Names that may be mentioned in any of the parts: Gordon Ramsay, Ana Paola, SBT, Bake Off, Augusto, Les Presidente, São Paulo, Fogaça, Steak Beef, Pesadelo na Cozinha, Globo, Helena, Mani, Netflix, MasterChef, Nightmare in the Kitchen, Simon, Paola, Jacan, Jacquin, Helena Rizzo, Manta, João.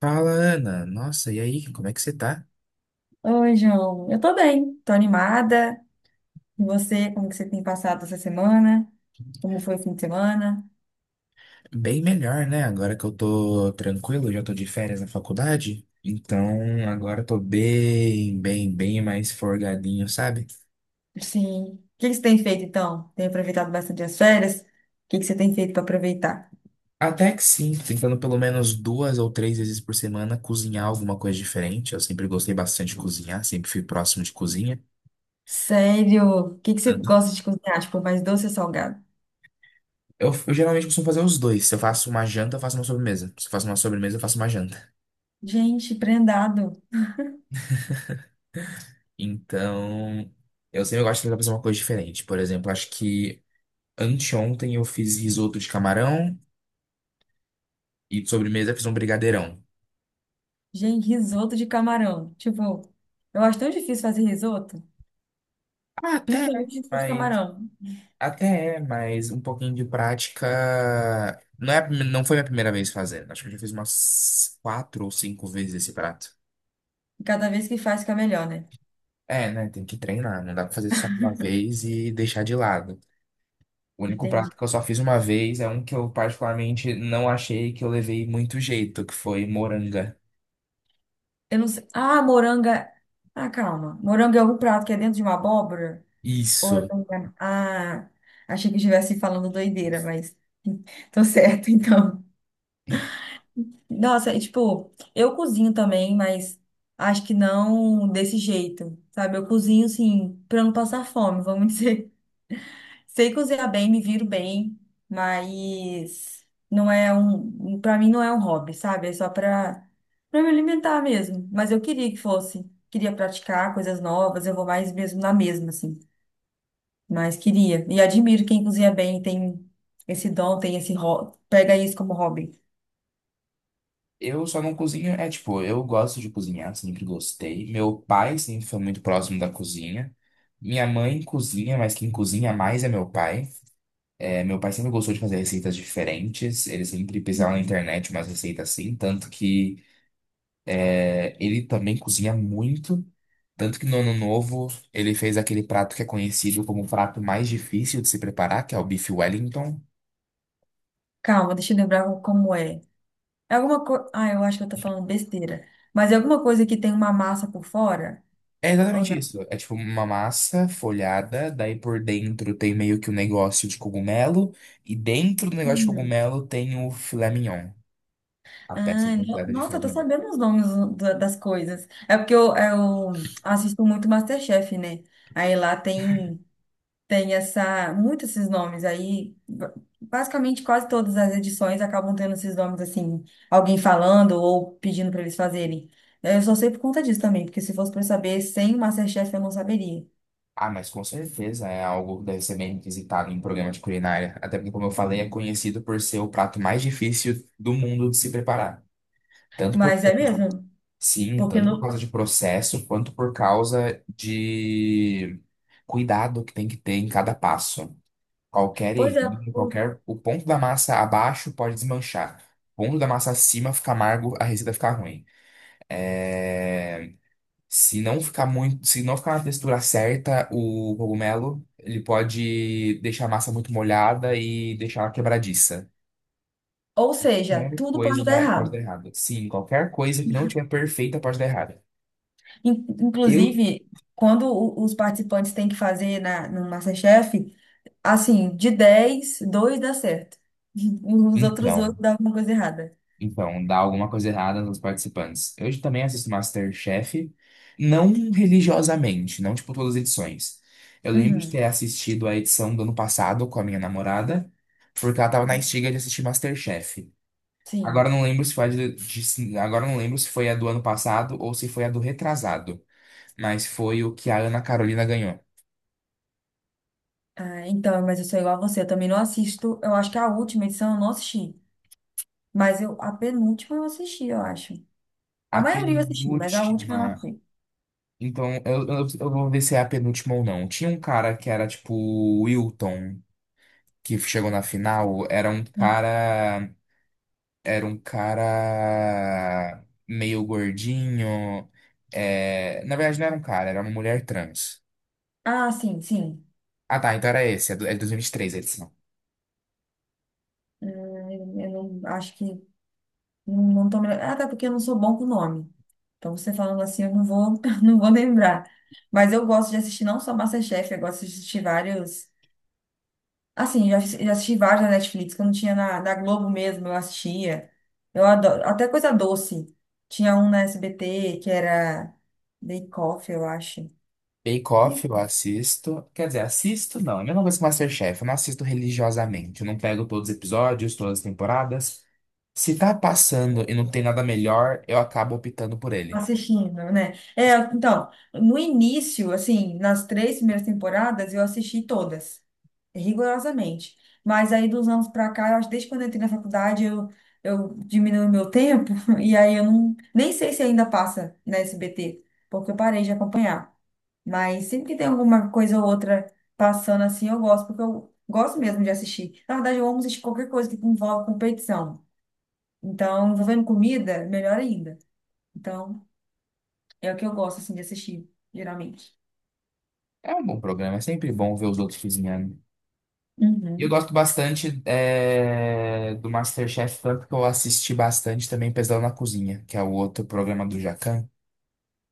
Fala, Ana. Nossa, e aí, como é que você tá? Oi, João. Eu tô bem, tô animada. E você, como que você tem passado essa semana? Como foi o fim de semana? Bem melhor, né? Agora que eu tô tranquilo, já tô de férias na faculdade. Então, agora eu tô bem mais forgadinho, sabe? Sim. O que que você tem feito então? Tem aproveitado bastante as férias? O que que você tem feito para aproveitar? Até que sim, tentando pelo menos duas ou três vezes por semana cozinhar alguma coisa diferente. Eu sempre gostei bastante de cozinhar, sempre fui próximo de cozinha. Sério? O que que você Uhum. gosta de cozinhar? Tipo, mais doce ou salgado? Eu geralmente costumo fazer os dois. Se eu faço uma janta, eu faço uma sobremesa. Se eu faço uma sobremesa, eu faço uma janta. Gente, prendado. Então, eu sempre gosto de tentar fazer uma coisa diferente. Por exemplo, acho que Anteontem eu fiz risoto de camarão e de sobremesa eu fiz um brigadeirão. Gente, risoto de camarão. Tipo, eu acho tão difícil fazer risoto, Ah, até, é, principalmente risoto de mas camarão. mas um pouquinho de prática. Não é, não foi minha primeira vez fazendo. Acho que eu já fiz umas quatro ou cinco vezes esse prato. E cada vez que faz, fica melhor, né? É, né? Tem que treinar. Não dá pra fazer só uma vez e deixar de lado. O único Entendi. prato que eu só fiz uma vez é um que eu particularmente não achei que eu levei muito jeito, que foi moranga. Eu não sei. Ah, moranga. Ah, calma. Moranga é algum prato que é dentro de uma abóbora? Ou eu Isso. tô enganada? Ah, achei que eu estivesse falando doideira, mas tô certo, então. Nossa, e, tipo, eu cozinho também, mas acho que não desse jeito, sabe? Eu cozinho, assim, pra não passar fome, vamos dizer. Sei cozinhar bem, me viro bem, mas não é um, para mim não é um hobby, sabe? É só para me alimentar mesmo. Mas eu queria que fosse, queria praticar coisas novas, eu vou mais mesmo na mesma assim, mas queria. E admiro quem cozinha bem, tem esse dom, tem esse hobby, pega isso como hobby. Eu só não cozinho, é tipo, eu gosto de cozinhar, sempre gostei. Meu pai sempre foi muito próximo da cozinha. Minha mãe cozinha, mas quem cozinha mais é meu pai. É, meu pai sempre gostou de fazer receitas diferentes, ele sempre pesquisava na Uhum. internet umas receitas assim, tanto que ele também cozinha muito. Tanto que no ano novo ele fez aquele prato que é conhecido como o prato mais difícil de se preparar, que é o bife Wellington. Calma, deixa eu lembrar como é. É alguma coisa, ah, eu acho que eu tô falando besteira. Mas é alguma coisa que tem uma massa por fora É ou exatamente isso. É tipo uma massa folhada, daí por dentro tem meio que um negócio de cogumelo, e dentro do negócio de não? cogumelo tem o filé mignon, a peça Ah, completa de nossa, filé eu tô mignon. sabendo os nomes das coisas. É porque eu assisto muito MasterChef, né? Aí lá tem essa, muitos esses nomes. Aí, basicamente, quase todas as edições acabam tendo esses nomes, assim, alguém falando ou pedindo para eles fazerem. Eu só sei por conta disso também, porque se fosse para saber sem o MasterChef eu não saberia. Ah, mas com certeza é algo que deve ser bem requisitado em programa de culinária. Até porque, como eu falei, é conhecido por ser o prato mais difícil do mundo de se preparar. Tanto por, Mas é mesmo, sim, porque tanto por no... causa de processo, quanto por causa de cuidado que tem que ter em cada passo. Qualquer Pois é, errinho, ou qualquer. O ponto da massa abaixo pode desmanchar. O ponto da massa acima fica amargo, a receita fica ruim. É, se não ficar na textura certa, o cogumelo, ele pode deixar a massa muito molhada e deixar ela quebradiça. ou seja, Um tudo pode dar Pode dar errado. errado. Sim, qualquer coisa que não tiver perfeita pode dar errado. Eu, Inclusive, quando os participantes têm que fazer no MasterChef, assim, de 10 dois dá certo. Os outros oito então. dá alguma coisa errada. Então, dá alguma coisa errada nos participantes. Eu também assisto MasterChef, não religiosamente, não tipo todas as edições. Eu lembro de ter Uhum. assistido a edição do ano passado com a minha namorada, porque ela tava na estiga de assistir MasterChef. Agora eu Sim. não lembro se foi a de- Agora eu não lembro se foi a do ano passado ou se foi a do retrasado, mas foi o que a Ana Carolina ganhou. Ah, então, mas eu sou igual a você, eu também não assisto. Eu acho que a última edição eu não assisti. Mas eu, a penúltima eu assisti, eu acho. A A maioria eu assisti, mas a última eu não penúltima. fui. Então, eu vou ver se é a penúltima ou não. Tinha um cara que era tipo o Wilton. Que chegou na final era um cara, Era um cara meio gordinho. É, na verdade, não era um cara, era uma mulher trans. Ah, sim, sim. Ah, tá, então era esse, é de 2023 a edição. Eu não acho que. Não tô me... Até porque eu não sou bom com nome. Então, você falando assim, eu não vou, não vou lembrar. Mas eu gosto de assistir não só MasterChef, eu gosto de assistir vários. Assim, já, já assisti vários na Netflix, que eu não tinha na Globo mesmo, eu assistia. Eu adoro. Até coisa doce. Tinha um na SBT que era Bake Off, eu acho. Bake Off eu assisto, quer dizer, assisto não, é a mesma coisa que MasterChef, eu não assisto religiosamente, eu não pego todos os episódios, todas as temporadas. Se tá passando e não tem nada melhor, eu acabo optando por ele. Assistindo, né? É, então, no início, assim, nas três primeiras temporadas, eu assisti todas, rigorosamente. Mas aí, dos anos pra cá, eu acho que desde quando eu entrei na faculdade, eu diminuí o meu tempo, e aí eu não, nem sei se ainda passa na SBT, porque eu parei de acompanhar. Mas sempre que tem alguma coisa ou outra passando assim, eu gosto, porque eu gosto mesmo de assistir. Na verdade, eu amo assistir qualquer coisa que envolve competição. Então, envolvendo comida, melhor ainda. Então. É o que eu gosto, assim, de assistir, geralmente. É um bom programa, é sempre bom ver os outros cozinhando. E eu Uhum. gosto bastante do MasterChef, tanto que eu assisti bastante também Pesadelo na Cozinha, que é o outro programa do Jacquin.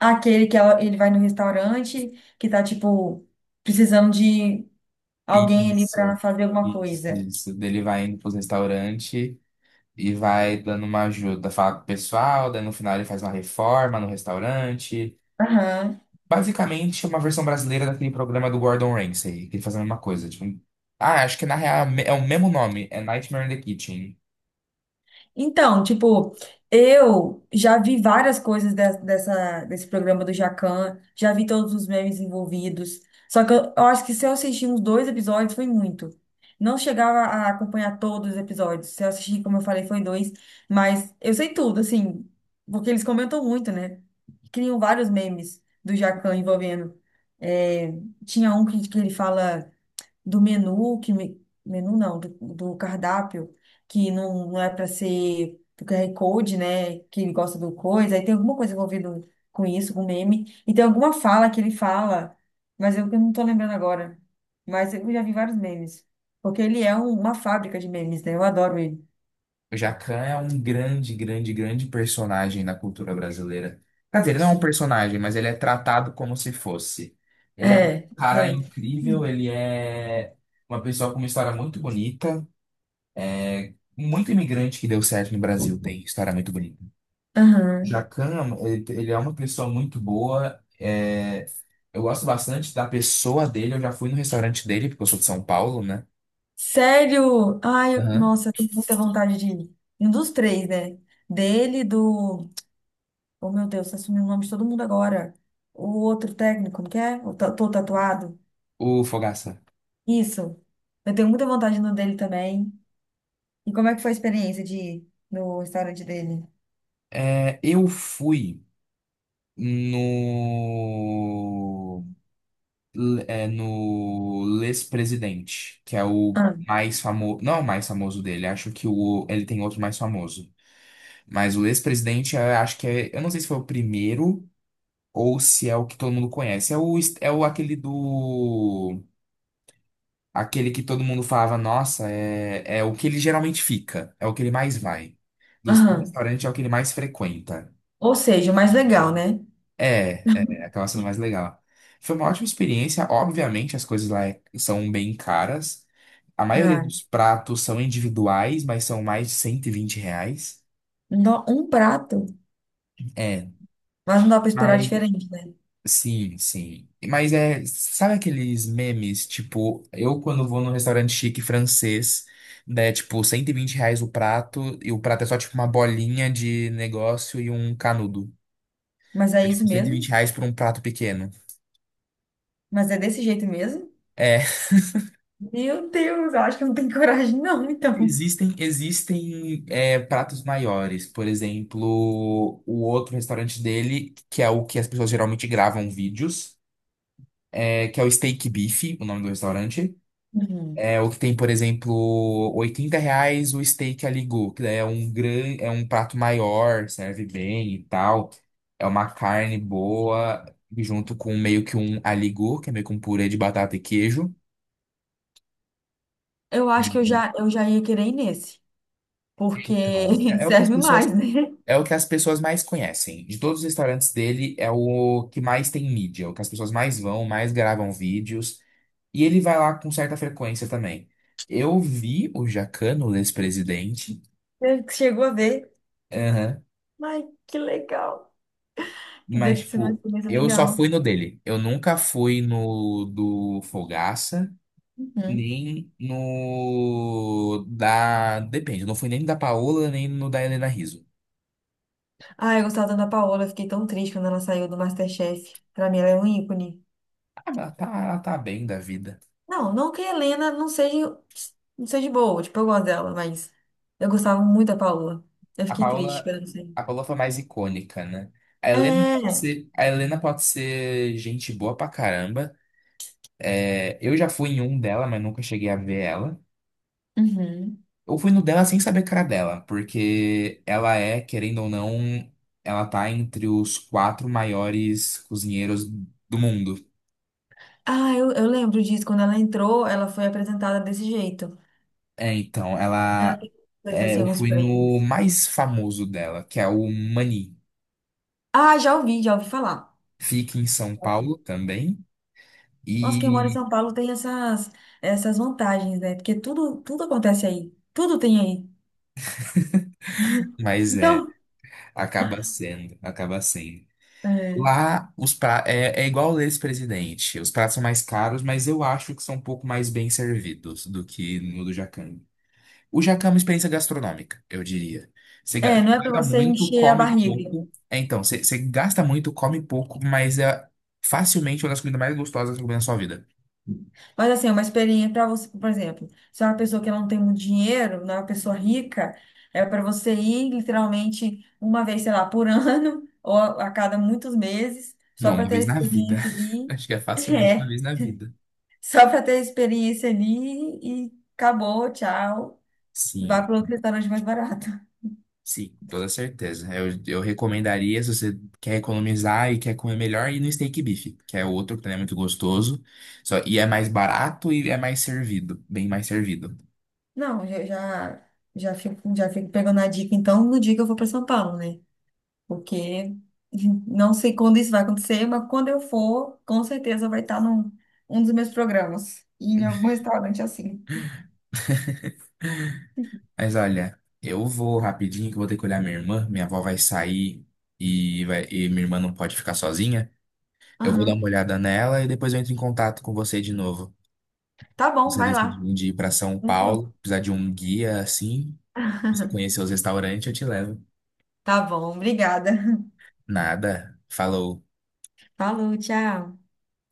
Aquele que ele vai no restaurante, que tá, tipo, precisando de alguém ali pra Isso, fazer alguma isso, coisa. isso. dele vai indo para os restaurantes e vai dando uma ajuda, fala pro pessoal, daí no final ele faz uma reforma no restaurante. Aham. Basicamente, é uma versão brasileira daquele programa do Gordon Ramsay, que ele faz a mesma coisa. Tipo, ah, acho que na real é o mesmo nome, é Nightmare in the Kitchen. Então, tipo, eu já vi várias coisas desse programa do Jacan, já vi todos os memes envolvidos. Só que eu acho que se eu assistir uns dois episódios foi muito. Não chegava a acompanhar todos os episódios. Se eu assistir, como eu falei, foi dois. Mas eu sei tudo, assim, porque eles comentam muito, né? Criam vários memes do Jacan envolvendo. É, tinha um que ele fala do menu, que menu não, do cardápio, que não, não é para ser do QR Code, né? Que ele gosta do coisa, aí tem alguma coisa envolvida com isso, com meme, e tem alguma fala que ele fala, mas eu que não tô lembrando agora. Mas eu já vi vários memes, porque ele é uma fábrica de memes, né? Eu adoro ele. O Jacquin é um grande personagem na cultura brasileira. Quer dizer, ele não é um Sim. personagem, mas ele é tratado como se fosse. Ele é um É, cara é. incrível, ele é uma pessoa com uma história muito bonita. Muito imigrante que deu certo no Brasil tem história muito bonita. Aham. Jacan ele é uma pessoa muito boa. Eu gosto bastante da pessoa dele. Eu já fui no restaurante dele, porque eu sou de São Paulo, né? Sério? Ai, Aham. nossa, eu tenho muita vontade de ir. Um dos três, né? Dele, do. Oh, meu Deus, você assumiu o nome de todo mundo agora. O outro técnico, como que é? O Tô Tatuado. O Fogaça. Isso. Eu tenho muita vontade no dele também. E como é que foi a experiência de ir no restaurante dele? É, eu fui no, no Les Presidente, que é o Ah, mais famoso, não é o mais famoso dele, acho que o, ele tem outro mais famoso. Mas o Les Presidente, eu acho que é, eu não sei se foi o primeiro ou se é o que todo mundo conhece. É o aquele do, aquele que todo mundo falava, nossa, é, é o que ele geralmente fica, é o que ele mais vai. Dos três aham. restaurantes é o que ele mais frequenta. Ou seja, o mais legal, né? Acaba sendo mais legal. Foi uma ótima experiência. Obviamente, as coisas lá é- são bem caras. A maioria Ah, dos pratos são individuais, mas são mais de R$ 120. não dá um prato, É. mas não dá pra esperar Mas, diferente, né? Sim. Mas é, sabe aqueles memes, tipo, eu quando vou num restaurante chique francês, né, tipo, R$ 120 o prato, e o prato é só tipo uma bolinha de negócio e um canudo. Mas é É tipo isso 120 mesmo? reais por um prato pequeno. Mas é desse jeito mesmo? É. Meu Deus, eu acho que eu não tenho coragem, não, então. Existem pratos maiores. Por exemplo, o outro restaurante dele, que é o que as pessoas geralmente gravam vídeos, que é o Steak Beef, o nome do restaurante. Uhum. É o que tem, por exemplo, R$ 80 o steak aligu, que daí é um grande é um prato maior, serve bem e tal. É uma carne boa, junto com meio que um aligu, que é meio que um purê de batata e queijo. Eu acho que eu Então, já, eu já ia querer ir nesse, porque É o que as serve pessoas... mais, né? É o que as pessoas mais conhecem. De todos os restaurantes dele, é o que mais tem mídia, é o que as pessoas mais vão, mais gravam vídeos. E ele vai lá com certa frequência também. Eu vi o Jacquin o ex-presidente, Você chegou a ver. aham, Ai, que legal. mas, Deve ser uma tipo, experiência eu só legal. fui no dele. Eu nunca fui no do Fogaça, Uhum. nem no da. Depende, eu não fui nem da Paola, nem no da Helena Rizzo. Ah, eu gostava da Ana Paola, eu fiquei tão triste quando ela saiu do MasterChef. Pra mim, ela é um ícone. Ah, mas ela tá bem da vida. Não, não que a Helena não seja, não seja boa, tipo, eu gosto dela, mas eu gostava muito da Paola. Eu A fiquei triste Paola, quando ela saiu. a Paola foi mais icônica, né? É. A Helena pode ser gente boa pra caramba. É, eu já fui em um dela, mas nunca cheguei a ver ela. Uhum. Eu fui no dela sem saber a cara dela, porque ela é, querendo ou não, ela tá entre os quatro maiores cozinheiros do mundo. Ah, eu lembro disso. Quando ela entrou, ela foi apresentada desse jeito. É, então, Ela ela. tem coisas É, assim, eu uns fui no prêmios. mais famoso dela, que é o Mani. Ah, já ouvi falar. Fica em São Paulo também. Nossa, quem mora em E. São Paulo tem essas vantagens, né? Porque tudo, tudo acontece aí. Tudo tem aí. Mas é. Então, Acaba sendo. é, Lá, é igual o ex-presidente. Os pratos são mais caros, mas eu acho que são um pouco mais bem servidos do que no do Jacame. O Jacame é uma experiência gastronômica, eu diria. Não é para Paga você muito, encher a come barriga. pouco. É, então, você gasta muito, come pouco, mas é facilmente uma das comidas mais gostosas que eu comi na sua vida. Mas assim, é uma experiência para você, por exemplo, se é uma pessoa que não tem muito dinheiro, não é uma pessoa rica, é para você ir literalmente uma vez, sei lá, por ano, ou a cada muitos meses, só Não, para uma ter a vez na vida. experiência ali. Acho que é facilmente uma É, vez na vida. só para ter a experiência ali e acabou, tchau. Vai Sim. para outro restaurante mais barato. Sim, toda certeza. Eu recomendaria, se você quer economizar e quer comer melhor, ir no steak beef, que é outro que também é muito gostoso. Só, e é mais barato e é mais servido, bem mais servido. Não, já fico pegando a dica, então, no dia que eu for para São Paulo, né? Porque não sei quando isso vai acontecer, mas quando eu for, com certeza vai estar num dos meus programas, e em algum restaurante assim. Mas olha, eu vou rapidinho que eu vou ter que olhar minha irmã. Minha avó vai sair e minha irmã não pode ficar sozinha. Eu vou dar Aham. uma olhada nela e depois eu entro em contato com você de novo. Tá bom, Você vai decide lá. um dia ir para São Então, Paulo, precisar de um guia assim, você conhecer os restaurantes, eu te levo. tá bom, obrigada. Nada. Falou. Falou, tchau.